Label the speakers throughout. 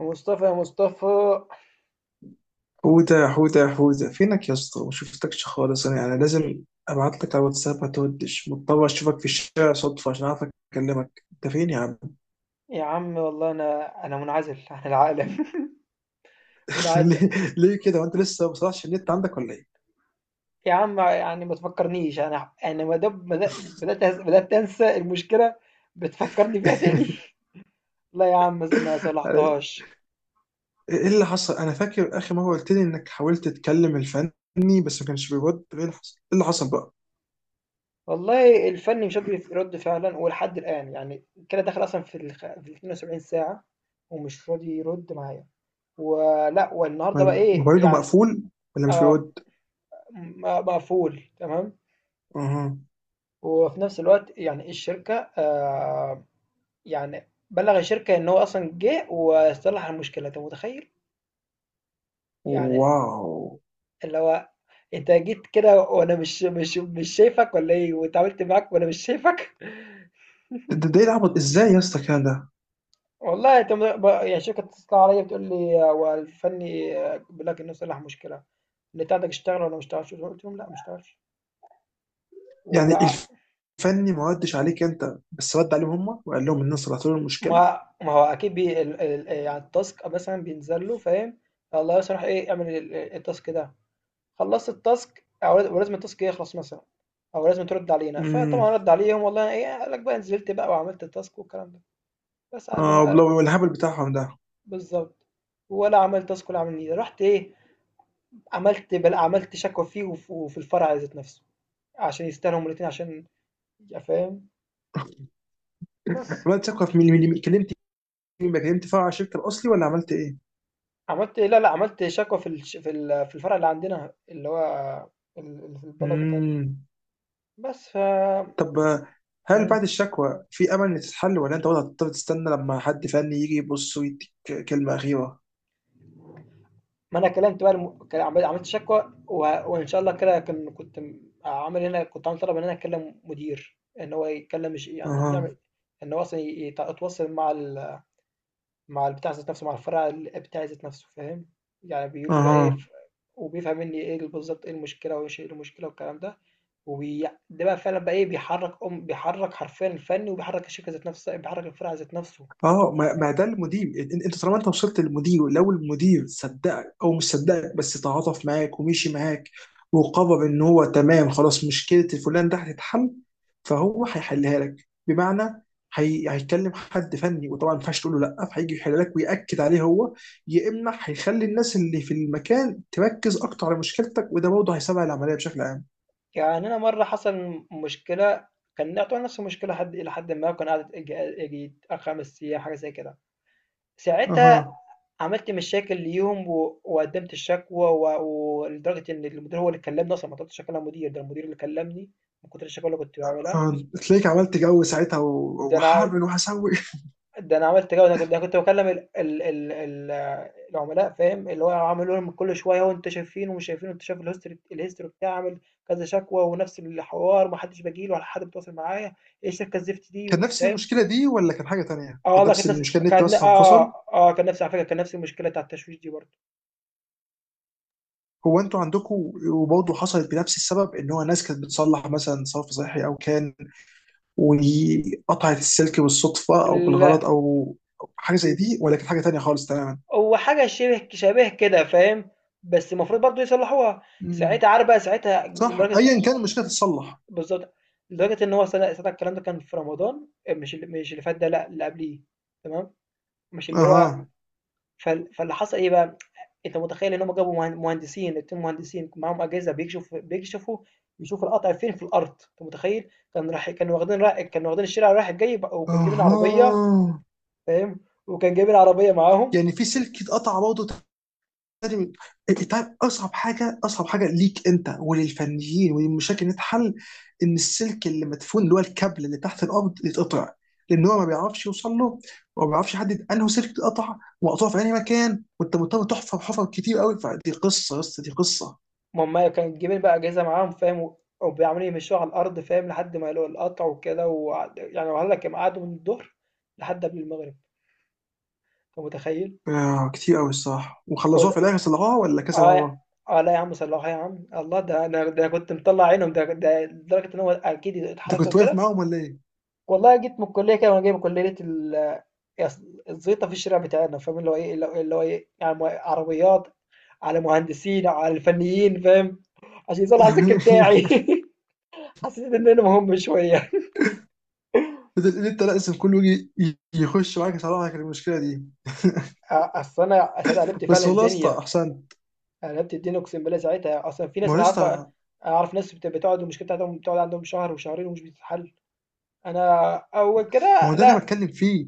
Speaker 1: مصطفى، يا مصطفى.
Speaker 2: حودة، فينك يا اسطى؟ ما شفتكش خالص. انا يعني لازم ابعت لك على واتساب، ما تودش مضطر اشوفك في الشارع صدفة عشان اعرف اكلمك. انت فين يا عم؟
Speaker 1: يا عم والله انا منعزل عن العالم. منعزل.
Speaker 2: ليه؟ كده وانت لسه ما بصلحش النت عندك ولا ايه؟
Speaker 1: يا عم يعني ما تفكرنيش. انا ما دام بدات بدات انسى المشكله، بتفكرني بيها تاني. لا يا عم، ما صلحتهاش.
Speaker 2: ايه اللي حصل؟ انا فاكر اخر مرة قلت لي انك حاولت تكلم الفني بس ما كانش بيرد. ايه اللي حصل؟ بقى
Speaker 1: والله الفن مش قادر يرد فعلا، ولحد الان يعني كده داخل اصلا في ال 72 ساعه، ومش راضي يرد معايا ولا والنهارده بقى ايه
Speaker 2: موبايله
Speaker 1: يعني.
Speaker 2: مقفول ولا مش
Speaker 1: آه،
Speaker 2: بيرد؟
Speaker 1: مقفول تمام.
Speaker 2: اها.
Speaker 1: وفي نفس الوقت يعني الشركه، يعني بلّغ الشركة إن هو أصلًا جِه وصلّح المشكلة، أنت متخيّل؟ يعني
Speaker 2: واو.
Speaker 1: اللي هو أنت جيت كده وأنا مش شايفك والّا إيه، واتعاملت معاك وأنا مش شايفك؟
Speaker 2: ده ايه العبط ازاي يا اسطى كده؟
Speaker 1: والله أنت م ب يعني الشركة بتتصل عليَّ، بتقول لي هو الفني بيقول لك إنه صلّح مشكلة. النت عندك اشتغل والّا ما اشتغلش؟ قُلت لهم: "لأ، ما اشتغلش."
Speaker 2: يعني
Speaker 1: وبع،
Speaker 2: الفني ما ردش عليك انت بس رد عليهم هم وقال لهم ان انا صلحت لهم المشكله؟
Speaker 1: ما ما هو أكيد بي ال ال يعني الtask مثلًا بينزل له، فاهم؟ الله يصلح إيه، اعمل ال الtask ده. خلصت التاسك او ولازم التاسك يخلص مثلا، او لازم ترد علينا.
Speaker 2: امم.
Speaker 1: فطبعا رد عليهم والله ايه، قال لك بقى نزلت بقى وعملت التاسك والكلام ده. بس قال له
Speaker 2: اه
Speaker 1: ما-،
Speaker 2: والله، والهبل بتاعهم ده.
Speaker 1: بالظبط. ولا عملت تاسك ولا عمل نيله. رحت ايه؟ عملت بل عملت شكوى فيه وفي الفرع ذات نفسه، عشان يستاهلوا الاثنين، عشان يا فاهم. بس
Speaker 2: عملت ثقه في مين؟ كلمت مين بقى؟ كلمت فرع الشركه الاصلي ولا عملت ايه؟
Speaker 1: عملت إيه، لا لا عملت شكوى في في الفرع اللي عندنا، اللي هو اللي في البلد بتاعتنا.
Speaker 2: امم.
Speaker 1: بس ف،
Speaker 2: طب آه، هل بعد
Speaker 1: مم.
Speaker 2: الشكوى في امل ان تتحل ولا انت برضه هتضطر تستنى لما حد فني يجي يبص ويديك كلمه اخيره؟
Speaker 1: ما انا كلمت بقى الم... كان عملت شكوى و... وان شاء الله كده كان كنت عامل هنا، كنت عامل طلب ان انا اكلم مدير ان هو يتكلم، مش يعني
Speaker 2: اها.
Speaker 1: يعمل، ان هو اصلا يتواصل مع ال... مع البتاع ذات نفسه، مع الفرع بتاع ذات نفسه، فاهم؟ يعني بيقول لي بقى ايه
Speaker 2: اها.
Speaker 1: ف... وبيفهم مني ايه بالظبط، ايه المشكله، وايش ايه المشكله والكلام ده. وبي... ده بقى فعلا بقى ايه، بيحرك ام بيحرك حرفيا الفني، وبيحرك الشركه ذات نفسها، بيحرك الفرع ذات نفسه.
Speaker 2: اه، ما ده المدير. انت طالما انت وصلت للمدير، لو المدير صدقك او مش صدقك بس تعاطف معاك ومشي معاك وقرر ان هو تمام خلاص مشكله الفلان ده هتتحل، فهو هيحلها لك. بمعنى هيكلم حد فني، وطبعا ما ينفعش تقول له لا، فهيجي يحل لك ويأكد عليه هو، يا اما هيخلي الناس اللي في المكان تركز اكتر على مشكلتك، وده برضه هيسرع العمليه بشكل عام.
Speaker 1: يعني أنا مرّة حصل مشكلة، كان يعتبر نفس المشكلة حد إلى حدٍ ما، وكان قعدت ييجي 4، 5 أيام حاجة زي كده. ساعتها
Speaker 2: اها.
Speaker 1: عملت مشاكل ليهم و وقدّمت الشكوى و ولدرجة إن المدير هو اللي كلّمني أصلًا، ما طلبتش أكلّم مدير، ده المدير اللي كلّمني من كتر الشكاوى اللي كنت باعملها.
Speaker 2: آه، تلاقيك عملت جو ساعتها
Speaker 1: ده أنا
Speaker 2: وهعمل وهسوي.
Speaker 1: ده أنا عملت كده، أنا كنت باكلّم ال العملاء، فاهم؟ اللي هو عامل لهم كل شوية هو أنتم شايفين ومش شايفين، وأنت شايف الhistory بتاعي، عامل كذا شكوى ونفس الحوار، ما حدّش باجي له ولا حد بيتواصل معايا. إيه الشركة الزفت
Speaker 2: كان
Speaker 1: دي،
Speaker 2: نفس
Speaker 1: فاهم؟
Speaker 2: المشكله دي ولا كان حاجه تانية؟
Speaker 1: آه
Speaker 2: كان
Speaker 1: والله
Speaker 2: نفس
Speaker 1: كانت نفس
Speaker 2: المشكله، النت
Speaker 1: كانت
Speaker 2: مثلا انفصل؟
Speaker 1: آه، آه كان نفس على فكرة، كان نفس المشكلة بتاع التشويش دي برضه.
Speaker 2: هو انتوا عندكم وبرضه حصلت بنفس السبب ان هو ناس كانت بتصلح مثلا صرف صحي او كان وقطعت السلك بالصدفه او بالغلط
Speaker 1: لأ،
Speaker 2: او أو حاجه زي دي، ولا كانت حاجه تانية خالص تماما؟
Speaker 1: هو حاجة شِبه شبيه كده، فاهم؟ بس المفروض برضه يصلّحوها.
Speaker 2: مم.
Speaker 1: ساعتها عارف بقى، ساعتها
Speaker 2: صح،
Speaker 1: لدرجة
Speaker 2: ايا كان المشكله تتصلح.
Speaker 1: بالضبط، لدرجة إن هو صدق الكلام ده. كان في رمضان، آه، مش ال مش اللي فات ده، لأ، اللي قبليه، تمام، مش اللي هو.
Speaker 2: اها.
Speaker 1: فال فاللي حصل إيه بقى، أنت متخيل إن هُم جابوا مه مهندسين، 2 مهندسين معاهم أجهزة بيكشف بيكشفوا بيشوفوا القطع فين في الأرض، أنت متخيل؟ كان راح كانوا واخدين ر كانوا واخدين الشارع رايح جاي بق، وكانوا جايبين عربية،
Speaker 2: اها.
Speaker 1: فاهم؟ وكانوا جايبين عربية معاهم.
Speaker 2: يعني في سلك اتقطع برضه لازم. طيب اصعب حاجه، اصعب حاجه ليك انت وللفنيين وللمشاكل اللي تتحل ان السلك اللي مدفون، اللي هو الكابل اللي تحت الارض، يتقطع، لان هو ما بيعرفش يوصل له، وما بيعرفش يحدد انه سلك اتقطع وقطعه في انهي مكان، وانت مضطر تحفر حفر كتير قوي. فدي قصه يا اسطى، دي قصه.
Speaker 1: ما هُم كانوا جايبين بقى أجهزة معاهم، فاهم؟ وعمالين يمشوها على الأرض، فاهم؟ لحد ما يلاقوا القطع وكده، وقعد يعني وقال لك قعدوا من الضهر لحد قبل المغرب، أنت متخيل؟
Speaker 2: آه، كتير قوي الصراحه. وخلصوها في
Speaker 1: عود-
Speaker 2: الاخر، صلحوها ولا كذا
Speaker 1: اه،
Speaker 2: مره؟
Speaker 1: اه لا يا عم، صلحوها يا عم الله. ده انا ده كنت مطلع عينهم، ده ده لدرجه ان هو اكيد
Speaker 2: انت
Speaker 1: اتحركوا
Speaker 2: كنت واقف
Speaker 1: كده.
Speaker 2: معاهم ولا ايه؟
Speaker 1: والله جيت من الكليه كده وانا جاي من كليه الزيطه في الشارع بتاعنا، فاهم؟ اللي هو ايه، اللي هو اللي هو ايه يعني عربيات على مهندسين، على الفنيين، فاهم؟ عشان يطلع الذكر بتاعي. حسيت ان انا مهم شويه.
Speaker 2: بدل ان انت لازم كله يجي يخش معاك يصلح لك المشكله دي.
Speaker 1: اصل انا قلبت
Speaker 2: بس
Speaker 1: فعلا
Speaker 2: والله يا اسطى
Speaker 1: الدنيا.
Speaker 2: احسن.
Speaker 1: أنا قلبت الدنيا، اقسم بالله ساعتها اصلا في
Speaker 2: ما
Speaker 1: ناس
Speaker 2: هو يا
Speaker 1: انا عارفه.
Speaker 2: اسطى،
Speaker 1: اعرف ناس بتقعد المشكله بتاعتهم، بتقعد عندهم شهر وشهرين ومش بتتحل. انا اول
Speaker 2: ما
Speaker 1: كده
Speaker 2: هو ده اللي انا
Speaker 1: لا.
Speaker 2: بتكلم فيه.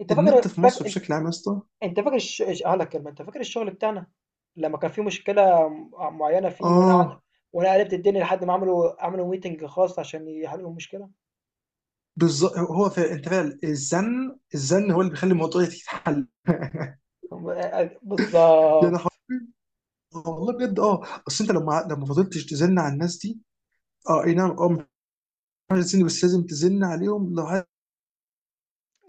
Speaker 1: انت
Speaker 2: النت
Speaker 1: فاكر
Speaker 2: في مصر
Speaker 1: فاكر
Speaker 2: بشكل عام يا اسطى.
Speaker 1: انت فاكر هقول لك كلمه. انت فاكر الشغل بتاعنا لما كان في مشكله معينه فيه، وانا قعدت
Speaker 2: اه.
Speaker 1: وانا قلبت الدنيا لحد ما عملوا ميتنج خاص عشان يحلوا المشكله
Speaker 2: بالظبط، هو فعلا انت فعلا الزن، الزن هو اللي بيخلي الموضوع يتحل. يعني
Speaker 1: بالظبط.
Speaker 2: حرفيا. والله بجد. اه، اصل انت لما، فضلتش تزن على الناس دي. اه، اي نعم. اه، مش عارف تزن بس لازم تزن عليهم لحد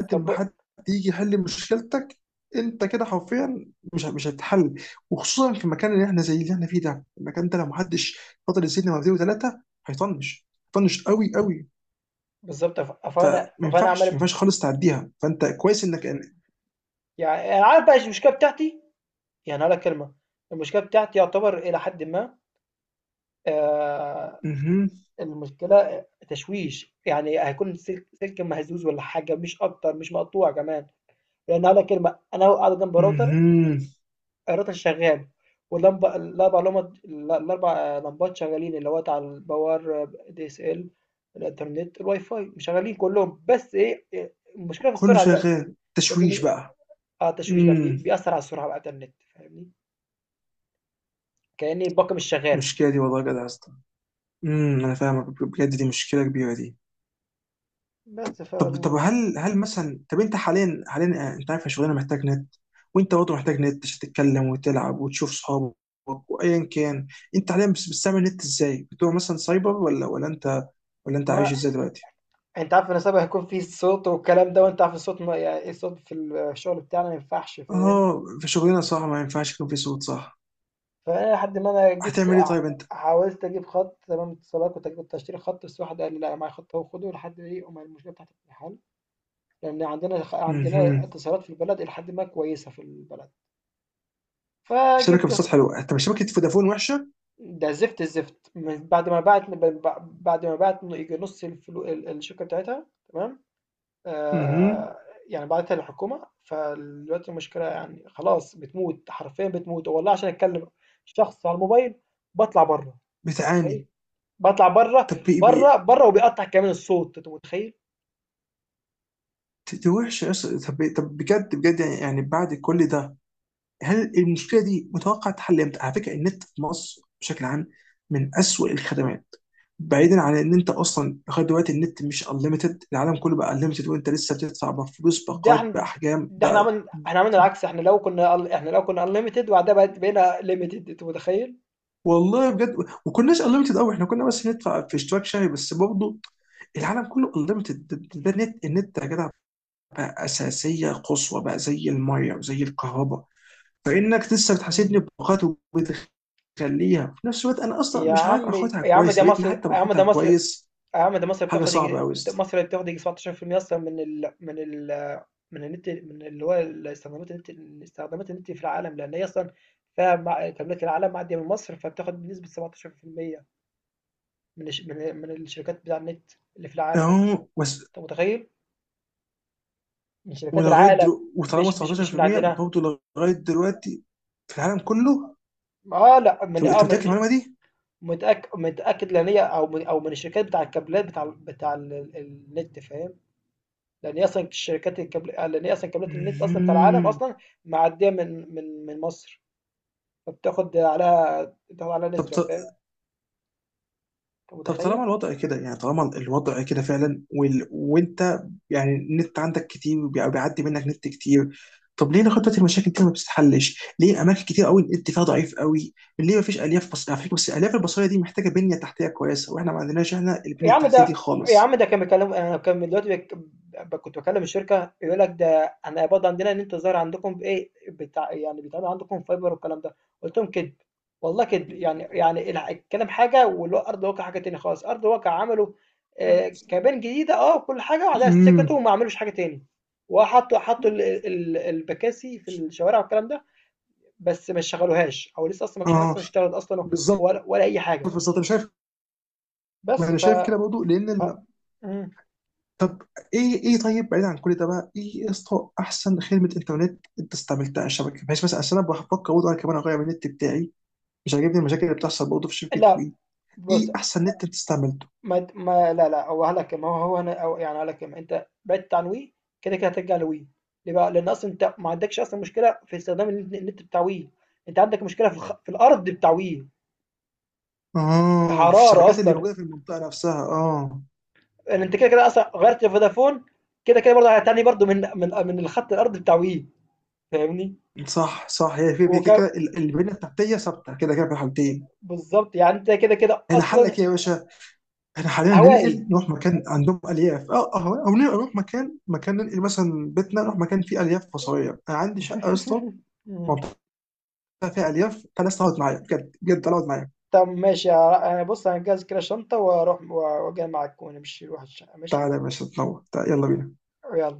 Speaker 1: طب
Speaker 2: ما حد يجي يحل مشكلتك. انت كده حرفيا مش هتتحل، وخصوصا في المكان اللي احنا زي اللي احنا فيه ده. المكان ده لو محدش فضل يزن مرتين وثلاثه هيطنش، هيطنش قوي قوي.
Speaker 1: بالظبط ف-
Speaker 2: فما
Speaker 1: فانا فانا عمال
Speaker 2: ينفعش ما
Speaker 1: ب-،
Speaker 2: ينفعش خالص تعديها، فانت كويس انك.
Speaker 1: يعني انا عارف بقى المشكله بتاعتي. يعني هقول لك كلمه، المشكله بتاعتي يعتبر الى حد ما، آه،
Speaker 2: اها.
Speaker 1: المشكله تشويش، يعني هيكون سلك سلك مهزوز ولا حاجه، مش اكتر، مش مقطوع كمان. يعني هقول لك كلمه، انا قاعد جنب راوتر،
Speaker 2: اها.
Speaker 1: الراوتر شغال، واللمبه الاربع لمبات، الاربع لمبات شغالين، اللي هو بتاع الباور دي اس ال، الانترنت الواي فاي شغالين كلهم. بس إيه، المشكله في
Speaker 2: كله
Speaker 1: السرعه دلوقتي،
Speaker 2: شغال،
Speaker 1: بس
Speaker 2: تشويش
Speaker 1: مش،
Speaker 2: بقى.
Speaker 1: اه التشويش بقى
Speaker 2: امم.
Speaker 1: بيأثر على السرعه بقى بتاع النت، فاهمني؟ كأني الباقه مش شغاله.
Speaker 2: المشكله دي والله جدع يا اسطى. امم، انا فاهمك بجد، دي مشكله كبيره دي.
Speaker 1: بس ف،
Speaker 2: طب هل مثلا، طب انت حاليا، آه، انت عارف شغلنا محتاج نت، وانت برضه محتاج نت عشان تتكلم وتلعب وتشوف صحابك وايا كان. انت حاليا بس بتستعمل نت ازاي؟ بتبقى مثلا سايبر ولا انت، ولا انت عايش
Speaker 1: ما
Speaker 2: ازاي دلوقتي؟
Speaker 1: انت عارف ان سبق هيكون في صوت والكلام ده، وانت عارف الصوت ما... يعني الصوت في الشغل بتاعنا ما ينفعش، فاهم؟
Speaker 2: اه، في شغلنا صح، ما ينفعش يكون في صوت، صح.
Speaker 1: فانا لحد ما انا جبت
Speaker 2: هتعمل ايه طيب انت؟
Speaker 1: حاولت اجيب خط تمام اتصالات. كنت اشتري خط، بس واحد قال لي لا معايا خط اهو، خده لحد ايه أما المشكله بتاعت الامتحان، لان عندنا عندنا
Speaker 2: مهم.
Speaker 1: اتصالات في البلد الى حد ما كويسه في البلد.
Speaker 2: الشبكه في
Speaker 1: فجبت،
Speaker 2: السطح حلوه؟ طب شبكه فودافون وحشه.
Speaker 1: ده زفت. الزفت من بعد ما بعت، بعد ما بعت يجي نص الفلو الشركه بتاعتها، تمام،
Speaker 2: مهم.
Speaker 1: آه، يعني بعتها للحكومه. فدلوقتي المشكله يعني خلاص، بتموت حرفيا بتموت والله. عشان اتكلم شخص على الموبايل، بطلع بره،
Speaker 2: بتعاني.
Speaker 1: متخيل؟ باطلع بره
Speaker 2: طب
Speaker 1: بره بره وبيقطع كمان الصوت، انت متخيل؟
Speaker 2: دي وحشه أصلاً. طب بجد بجد، يعني يعني بعد كل ده هل المشكله دي متوقع تحل امتى؟ على فكره النت في مصر بشكل عام من أسوأ الخدمات. بعيدا عن ان انت اصلا لغايه دلوقتي النت مش انليمتد، العالم كله بقى انليمتد وانت لسه بتدفع بفلوس
Speaker 1: ده
Speaker 2: باقات
Speaker 1: احنا
Speaker 2: باحجام
Speaker 1: ده احنا
Speaker 2: ده.
Speaker 1: عملنا، عملنا العكس. احنا لو كنا، احنا لو كنا انليمتد وبعدها بقت بقينا ليميتد، انت متخيل؟
Speaker 2: والله بجد. وكناش انليمتد قوي، احنا كنا بس ندفع في اشتراك شهري بس برضه. العالم كله انليمتد، ده النت، النت يا جدع بقى اساسيه قصوى بقى زي الميه وزي الكهرباء. فانك لسه
Speaker 1: مم.
Speaker 2: بتحاسبني بقات وبتخليها، في نفس الوقت انا اصلا
Speaker 1: يا
Speaker 2: مش عارف
Speaker 1: عم،
Speaker 2: اخدها
Speaker 1: يا عم
Speaker 2: كويس،
Speaker 1: ده
Speaker 2: يا ريتني
Speaker 1: مصر، يا
Speaker 2: حتى
Speaker 1: عم
Speaker 2: باخدها
Speaker 1: ده مصر يا
Speaker 2: كويس.
Speaker 1: عم ده مصر
Speaker 2: حاجه
Speaker 1: بتاخد
Speaker 2: صعبه
Speaker 1: يجي،
Speaker 2: قوي.
Speaker 1: ده مصر بتاخد يجي 17% اصلا من ال من النت، من اللي هو استخدامات النت، استخدامات النت في العالم. لان هي اصلا فيها تملك العالم، معديه من مصر، فبتاخد بنسبه 17% من الشركات بتاع النت اللي في العالم،
Speaker 2: اهو بس.
Speaker 1: انت متخيل؟ من شركات
Speaker 2: ولغايه
Speaker 1: العالم،
Speaker 2: دلوقتي وطالما
Speaker 1: مش من
Speaker 2: 19%
Speaker 1: عندنا.
Speaker 2: برضه لغايه دلوقتي في العالم كله.
Speaker 1: اه لا من
Speaker 2: انت
Speaker 1: اه
Speaker 2: أنت
Speaker 1: من-،
Speaker 2: متاكد من
Speaker 1: مش-،
Speaker 2: المعلومه دي؟
Speaker 1: متاكد متاكد، لان هي او من او من الشركات بتاع الكابلات بتاع النت، فاهم؟ لان هي اصلا شركات الكابل، آه، لان هي اصلا كابلات النت اصلا بتاع العالم
Speaker 2: مهم.
Speaker 1: اصلا معديه من مصر، فبتاخد عليها، بتاخد عليها
Speaker 2: طب
Speaker 1: نسبه، فاهم؟ انت
Speaker 2: طب طالما
Speaker 1: متخيل؟
Speaker 2: الوضع كده، يعني طالما الوضع كده فعلا وانت يعني النت عندك كتير وبيعدي منك نت كتير، طب ليه خطة المشاكل دي ما بتتحلش؟ ليه اماكن كتير قوي النت فيها ضعيف قوي؟ ليه ما فيش الياف؟ على فكرة بس الالياف البصرية دي محتاجة بنية تحتية كويسة واحنا ما عندناش احنا
Speaker 1: يا
Speaker 2: البنية
Speaker 1: عم
Speaker 2: التحتية دي
Speaker 1: ده، يا
Speaker 2: خالص.
Speaker 1: عم ده كان بيكلم، انا كان دلوقتي بك...، ب- كنت بكلم الشركه يقول لك ده انا برضه عندنا ان انت ظاهر عندكم بايه بتاع، يعني بيتعمل عندكم فايبر والكلام ده. قلت لهم كذب، والله كذب. يعني يعني الكلام حاجه، والارض واقع حاجه تاني خالص. ارض واقع عملوا، آه،
Speaker 2: آه.
Speaker 1: كابين جديده، اه كل حاجه، وبعدها سكتوا
Speaker 2: امم.
Speaker 1: وما عملوش حاجه تاني. وحطوا البكاسي في الشوارع والكلام ده، بس ما شغلوهاش، او لسه اصلا ما فيش حاجه
Speaker 2: اه
Speaker 1: اصلا اشتغلت اصلا،
Speaker 2: بالظبط.
Speaker 1: ولا، ولا اي حاجه.
Speaker 2: بالظبط انا شايف. ما
Speaker 1: بس
Speaker 2: انا
Speaker 1: ف،
Speaker 2: شايف كده برضه لان
Speaker 1: ف...، مم.
Speaker 2: طب ايه، طيب بعيد عن كل ده بقى، ايه يا اسطى احسن خدمه انترنت انت استعملتها على الشبكه؟ بحيث مثلا عشان انا بفكر برضه انا كمان اغير النت بتاعي، مش عاجبني المشاكل اللي بتحصل برضه في شبكه
Speaker 1: لأ،
Speaker 2: وي.
Speaker 1: بُص.
Speaker 2: ايه احسن نت انت استعملته؟
Speaker 1: ما ت ما لا، لأ، هو قال لك ما هو هو أنا أو يعني هاقول لك. أنت بعدت عن Wii، كده، كده هترجع لWii. ليه بقى؟ لأن أصلًا أنت ما عندكش أصلًا مشكلة في استخدام النت بتاع Wii، أنت عندك مشكلة في في الأرض بتاع Wii، في
Speaker 2: اه، في
Speaker 1: الحرارة
Speaker 2: الشبكات اللي
Speaker 1: أصلًا.
Speaker 2: موجوده في المنطقه نفسها، اه.
Speaker 1: لأن أنت كده، كده أصلًا غيّرت فودافون، كده، كده برضه هتعاني برضه من الخط الأرض بتاع Wii، فاهمني؟
Speaker 2: صح صح، هي في
Speaker 1: وك
Speaker 2: كده كده البنيه التحتيه ثابته كده كده في الحالتين.
Speaker 1: بالضبط، يعني أنت كده، كده
Speaker 2: احنا
Speaker 1: أصلًا
Speaker 2: حلك ايه يا باشا؟ احنا حاليا
Speaker 1: هوائي.
Speaker 2: ننقل نروح مكان عندهم الياف، اه اه، او ننقل نروح مكان، ننقل مثلا بيتنا نروح مكان فيه الياف فصليه. انا عندي شقه يا اسطى
Speaker 1: إمم.
Speaker 2: فيها الياف، فالناس تقعد معايا، بجد بجد تعالى اقعد معايا.
Speaker 1: طب ماشي، أنا بص هنجهز كده شنطة وأروح وأجي معاك ونمشي نروح الشقة، ماشي.
Speaker 2: تعالى يا باشا تنور، تعالى، يلا بينا.
Speaker 1: يلا.